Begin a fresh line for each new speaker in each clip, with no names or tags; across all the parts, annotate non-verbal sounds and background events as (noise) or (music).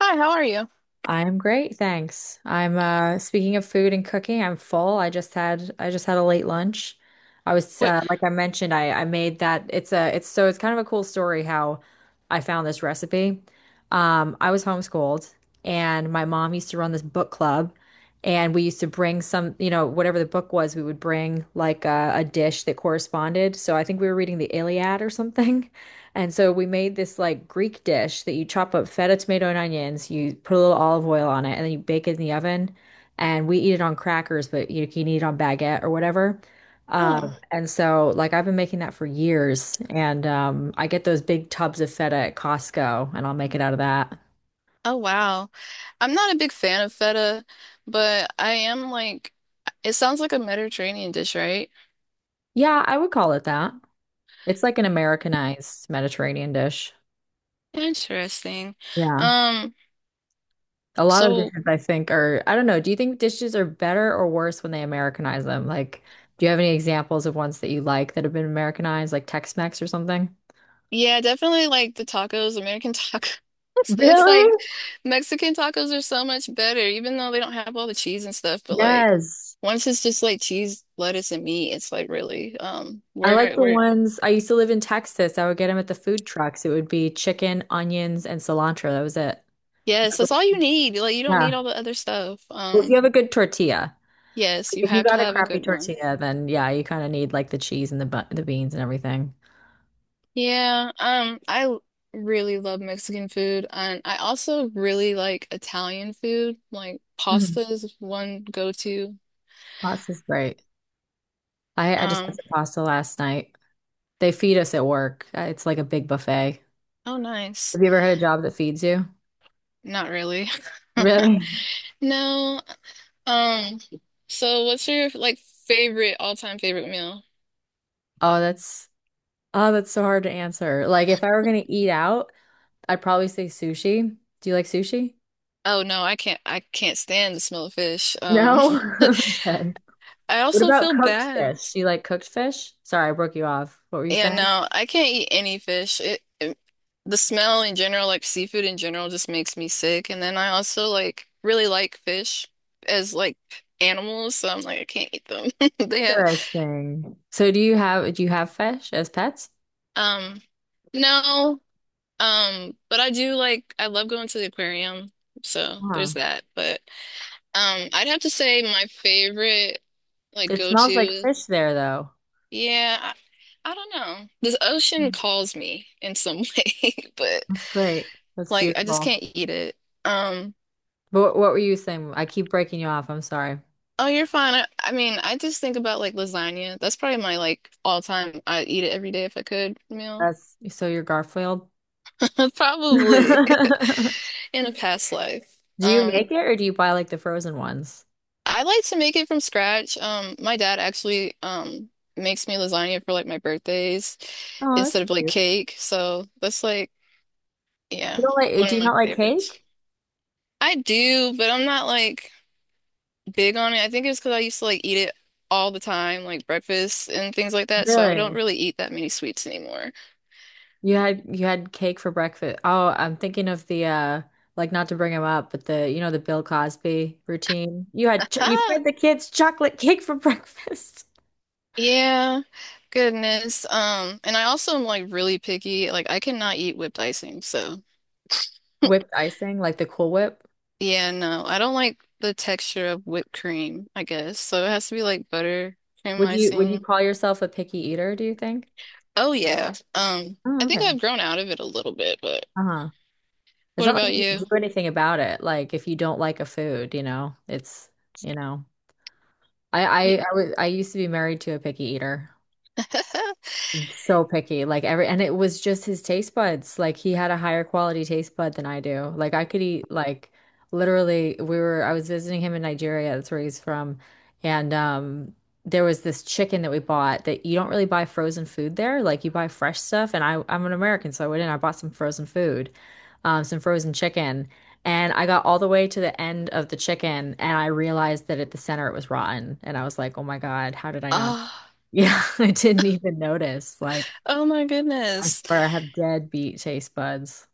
Hi, how are you?
I'm great, thanks. I'm Speaking of food and cooking, I'm full. I just had a late lunch. I was
What?
like I mentioned, I made that it's kind of a cool story how I found this recipe. I was homeschooled and my mom used to run this book club, and we used to bring some, you know, whatever the book was, we would bring like a dish that corresponded. So I think we were reading the Iliad or something. And so we made this like Greek dish that you chop up feta, tomato, and onions. You put a little olive oil on it, and then you bake it in the oven. And we eat it on crackers, but you can eat it on baguette or whatever.
Oh,
I've been making that for years. And I get those big tubs of feta at Costco, and I'll make it out of that.
oh wow. I'm not a big fan of feta, but I am like, it sounds like a Mediterranean dish, right?
Yeah, I would call it that. It's like an Americanized Mediterranean dish.
Interesting.
Yeah.
Um,
A lot of
so
dishes, I think, are, I don't know. Do you think dishes are better or worse when they Americanize them? Like, do you have any examples of ones that you like that have been Americanized, like Tex-Mex or something?
yeah, definitely like the tacos, American tacos. (laughs) It's
Really?
like Mexican tacos are so much better, even though they don't have all the cheese and stuff, but like
Yes.
once it's just like cheese, lettuce, and meat, it's like really,
I like
where,
the ones— I used to live in Texas. I would get them at the food trucks. It would be chicken, onions, and cilantro. That was it.
yes, that's all you need. Like you don't need
Yeah.
all the other stuff.
Well, if you have a good tortilla,
Yes,
like,
you
if you
have to
got a
have a
crappy
good one.
tortilla, then yeah, you kind of need like the cheese and the beans and everything.
Yeah, really love Mexican food, and I also really like Italian food. Like
Mhm.
pasta is one go-to.
Pasta's great. I just had
Um,
some pasta last night. They feed us at work. It's like a big buffet.
oh, nice.
Have you ever had a job that feeds you?
Not really. (laughs)
Really?
No. Um, so what's your like favorite all-time favorite meal?
Oh, that's— oh, that's so hard to answer. Like if I were gonna eat out, I'd probably say sushi. Do you like sushi?
Oh no, I can't. I can't stand the smell of fish.
No. (laughs) Okay.
(laughs) I
What
also
about
feel
cooked
bad.
fish? Do you like cooked fish? Sorry, I broke you off. What were you
Yeah,
saying?
no, I can't eat any fish. It the smell in general, like seafood in general, just makes me sick. And then I also like really like fish as like animals, so I'm like I can't eat them. (laughs) They have,
Interesting. So do you have— do you have fish as pets?
um, no, but I do like I love going to the aquarium, so there's
Huh.
that. But I'd have to say my favorite like
It smells like
go-to,
fish there though.
yeah, I don't know. This ocean calls me in some (laughs) way, but.
Great. That's
Like I just
beautiful.
can't eat it. Um,
But what were you saying? I keep breaking you off. I'm sorry.
oh, you're fine. I mean, I just think about like lasagna. That's probably my like all time I'd eat it every day if I could meal.
That's— so you're Garfield.
(laughs) Probably
(laughs)
(laughs) in a past life.
Do you
Um,
make it or do you buy like the frozen ones?
I like to make it from scratch. My dad actually makes me lasagna for like my birthdays
Oh, that's
instead of like
cute.
cake. So that's like, yeah,
You don't like—
one
do
of
you
my
not like
favorites.
cake?
I do, but I'm not like big on it. I think it's because I used to like eat it all the time, like breakfast and things like that. So I don't
Really?
really eat that many sweets anymore.
You had cake for breakfast. Oh, I'm thinking of the like, not to bring him up, but the, you know, the Bill Cosby routine. You had
(laughs)
ch you
Haha.
fed the kids chocolate cake for (laughs) breakfast.
Yeah. Goodness. And I also am like really picky. Like I cannot eat whipped icing. So
Whipped
(laughs)
icing, like the Cool Whip.
yeah, no. I don't like the texture of whipped cream, I guess. So it has to be like butter, cream
Would you
icing.
call yourself a picky eater, do you think?
Oh yeah.
Oh,
I
okay.
think I've grown out of it a little bit, but
Uh-huh. It's
what
not like
about
you can
you?
do anything about it. Like if you don't like a food, you know,
Yeah.
I used to be married to a picky eater.
(laughs)
So picky, and it was just his taste buds. Like he had a higher quality taste bud than I do. Like I could eat like— literally we were— I was visiting him in Nigeria, that's where he's from. And there was this chicken that we bought— that you don't really buy frozen food there. Like you buy fresh stuff, and I'm an American, so I went in, I bought some frozen food, some frozen chicken. And I got all the way to the end of the chicken and I realized that at the center it was rotten. And I was like, oh my God, how did I not? (laughs)
Oh,
Yeah, I didn't even notice. Like
oh my
I
goodness.
prefer— I have dead beat taste buds.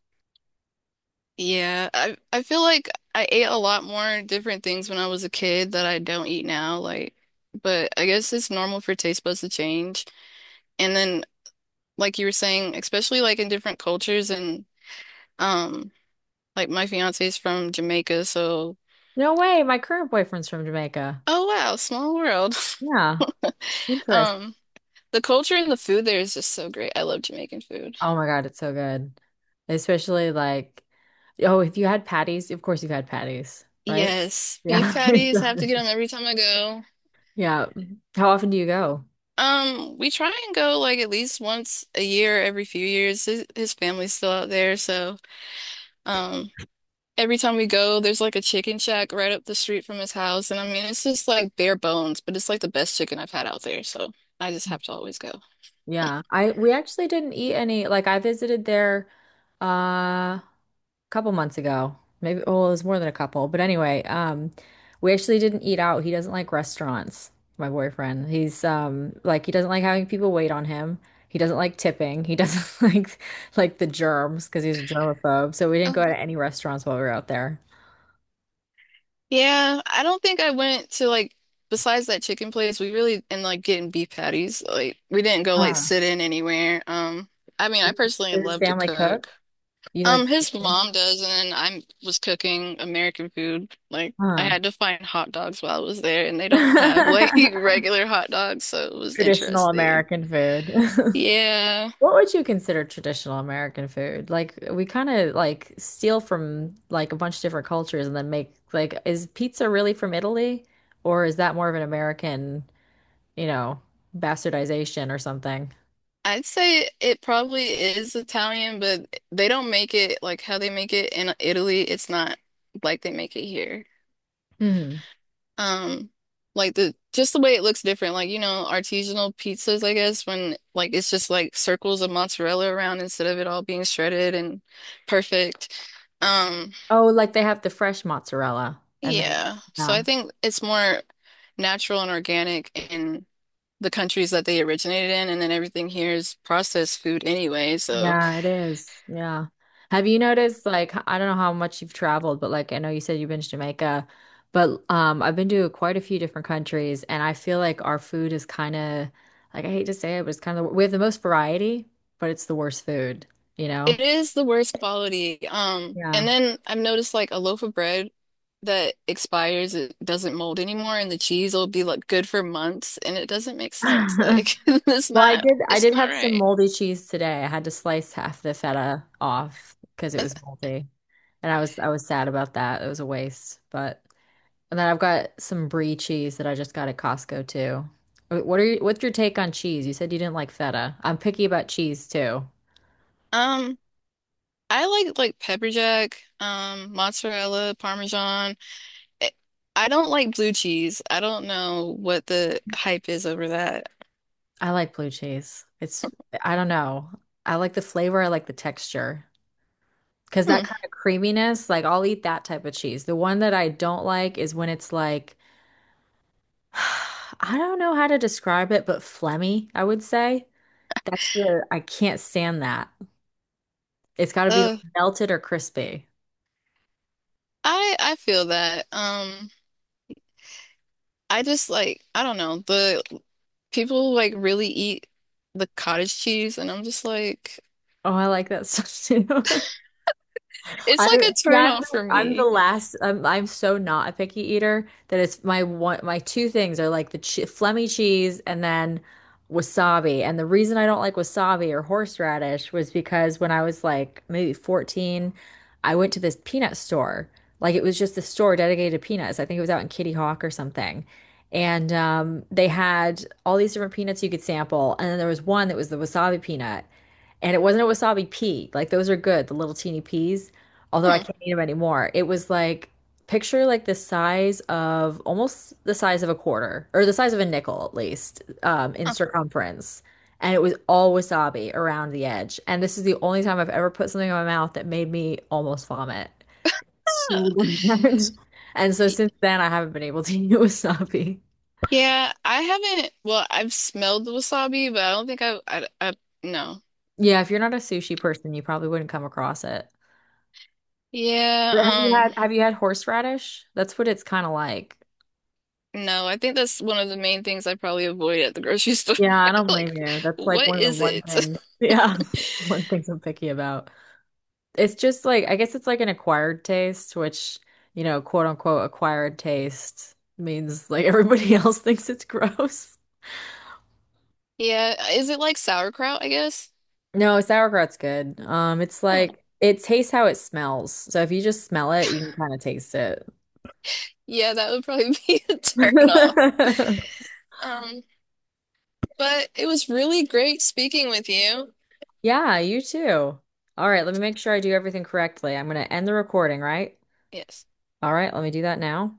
Yeah, I feel like I ate a lot more different things when I was a kid that I don't eat now, like but I guess it's normal for taste buds to change. And then like you were saying, especially like in different cultures and um like my fiance is from Jamaica, so
No way, my current boyfriend's from Jamaica.
oh wow, small world.
Yeah,
(laughs)
interesting.
Um the culture and the food there is just so great. I love Jamaican food.
Oh my God, it's so good. Especially like, oh, if you had patties— of course you had patties, right?
Yes, beef
Yeah. (laughs) It's so
patties, I have to get
good.
them every time I go.
Yeah. How often do you go?
We try and go like at least once a year, every few years. His family's still out there, so um, every time we go, there's like a chicken shack right up the street from his house, and I mean, it's just like bare bones, but it's like the best chicken I've had out there, so I just have to always go.
Yeah. I— we actually didn't eat any. Like I visited there uh couple months ago. Maybe, well, it was more than a couple. But anyway, we actually didn't eat out. He doesn't like restaurants, my boyfriend. He's like, he doesn't like having people wait on him. He doesn't like tipping. He doesn't (laughs) like the germs because he's a germaphobe. So we didn't go
Oh,
to any restaurants while we were out there.
yeah. I don't think I went to like besides that chicken place, we really and like getting beef patties. Like we didn't go like
Huh.
sit in anywhere. I mean, I personally
Does his
love to
family cook?
cook.
You like,
His mom does, and I was cooking American food. Like, I
huh?
had to find hot dogs while I was there, and they don't have like (laughs)
(laughs)
regular hot dogs, so it was
Traditional
interesting.
American food. (laughs)
Yeah,
What would you consider traditional American food? Like, we kind of like steal from like a bunch of different cultures and then make— like is pizza really from Italy or is that more of an American, you know, bastardization or something?
I'd say it probably is Italian, but they don't make it like how they make it in Italy. It's not like they make it here.
Hmm.
Um, like the just the way it looks different. Like, you know, artisanal pizzas, I guess, when like it's just like circles of mozzarella around instead of it all being shredded and perfect. Um,
Oh, like they have the fresh mozzarella and they—
yeah. So I
yeah.
think it's more natural and organic in the countries that they originated in, and then everything here is processed food anyway, so
Yeah, it is. Yeah. Have you noticed, like— I don't know how much you've traveled, but like, I know you said you've been to Jamaica, but I've been to quite a few different countries, and I feel like our food is kind of, like, I hate to say it, but it's kind of— we have the most variety, but it's the worst food, you know?
it is the worst quality. And
Yeah.
then I've noticed like a loaf of bread that expires, it doesn't mold anymore, and the cheese will be like good for months, and it doesn't make sense.
(laughs)
Like (laughs)
Well, I
it's
did
not
have some
right.
moldy cheese today. I had to slice half the feta off because it was
(laughs)
moldy, and I was sad about that. It was a waste, but. And then I've got some brie cheese that I just got at Costco too. What's your take on cheese? You said you didn't like feta. I'm picky about cheese too.
Um, I like pepper jack, mozzarella, parmesan. I I don't like blue cheese. I don't know what the hype is over that.
I like blue cheese. It's— I don't know. I like the flavor, I like the texture. Because that
Hmm.
kind of creaminess, like I'll eat that type of cheese. The one that I don't like is when it's like, (sighs) I don't know how to describe it, but phlegmy, I would say. That's the— I can't stand that. It's got to be
Uh,
melted or crispy.
I feel that. I just like, I don't know, the people like really eat the cottage cheese, and I'm just like,
Oh, I like that stuff too. (laughs)
it's
I—
like a
yeah,
turnoff for
I'm the
me.
last. I'm so not a picky eater that it's my two things are like the che Flemy cheese and then wasabi. And the reason I don't like wasabi or horseradish was because when I was like maybe 14, I went to this peanut store. Like it was just a store dedicated to peanuts. I think it was out in Kitty Hawk or something. And they had all these different peanuts you could sample, and then there was one that was the wasabi peanut. And it wasn't a wasabi pea. Like those are good, the little teeny peas, although I
Hmm.
can't eat them anymore. It was like, picture like the size of almost the size of a quarter, or the size of a nickel at least, in
Huh.
circumference, and it was all wasabi around the edge. And this is the only time I've ever put something in my mouth that made me almost vomit. So good. (laughs) And so
Y-
since then, I haven't been able to (laughs) eat wasabi.
Yeah, I haven't, well, I've smelled the wasabi, but I don't think I've, I, no.
Yeah, if you're not a sushi person, you probably wouldn't come across it.
Yeah,
But
um,
have you had horseradish? That's what it's kind of like.
no, I think that's one of the main things I probably avoid at the grocery store.
Yeah, I
(laughs)
don't blame
Like,
you. That's like
what
one of the
is
one
it? (laughs)
thing. Yeah, (laughs) one things I'm picky about. It's just like— I guess it's like an acquired taste, which, you know, quote unquote acquired taste means like everybody (laughs) else thinks it's gross.
Yeah, is it like sauerkraut, I guess?
No, sauerkraut's good. It's
Hmm.
like it tastes how it smells. So if you just smell it, you can kind of taste it.
Yeah, that would probably (laughs) be a turn off.
(laughs)
Um, But it was really great speaking with you.
Yeah, you too. All right, let me make sure I do everything correctly. I'm gonna end the recording, right?
Yes.
All right, let me do that now.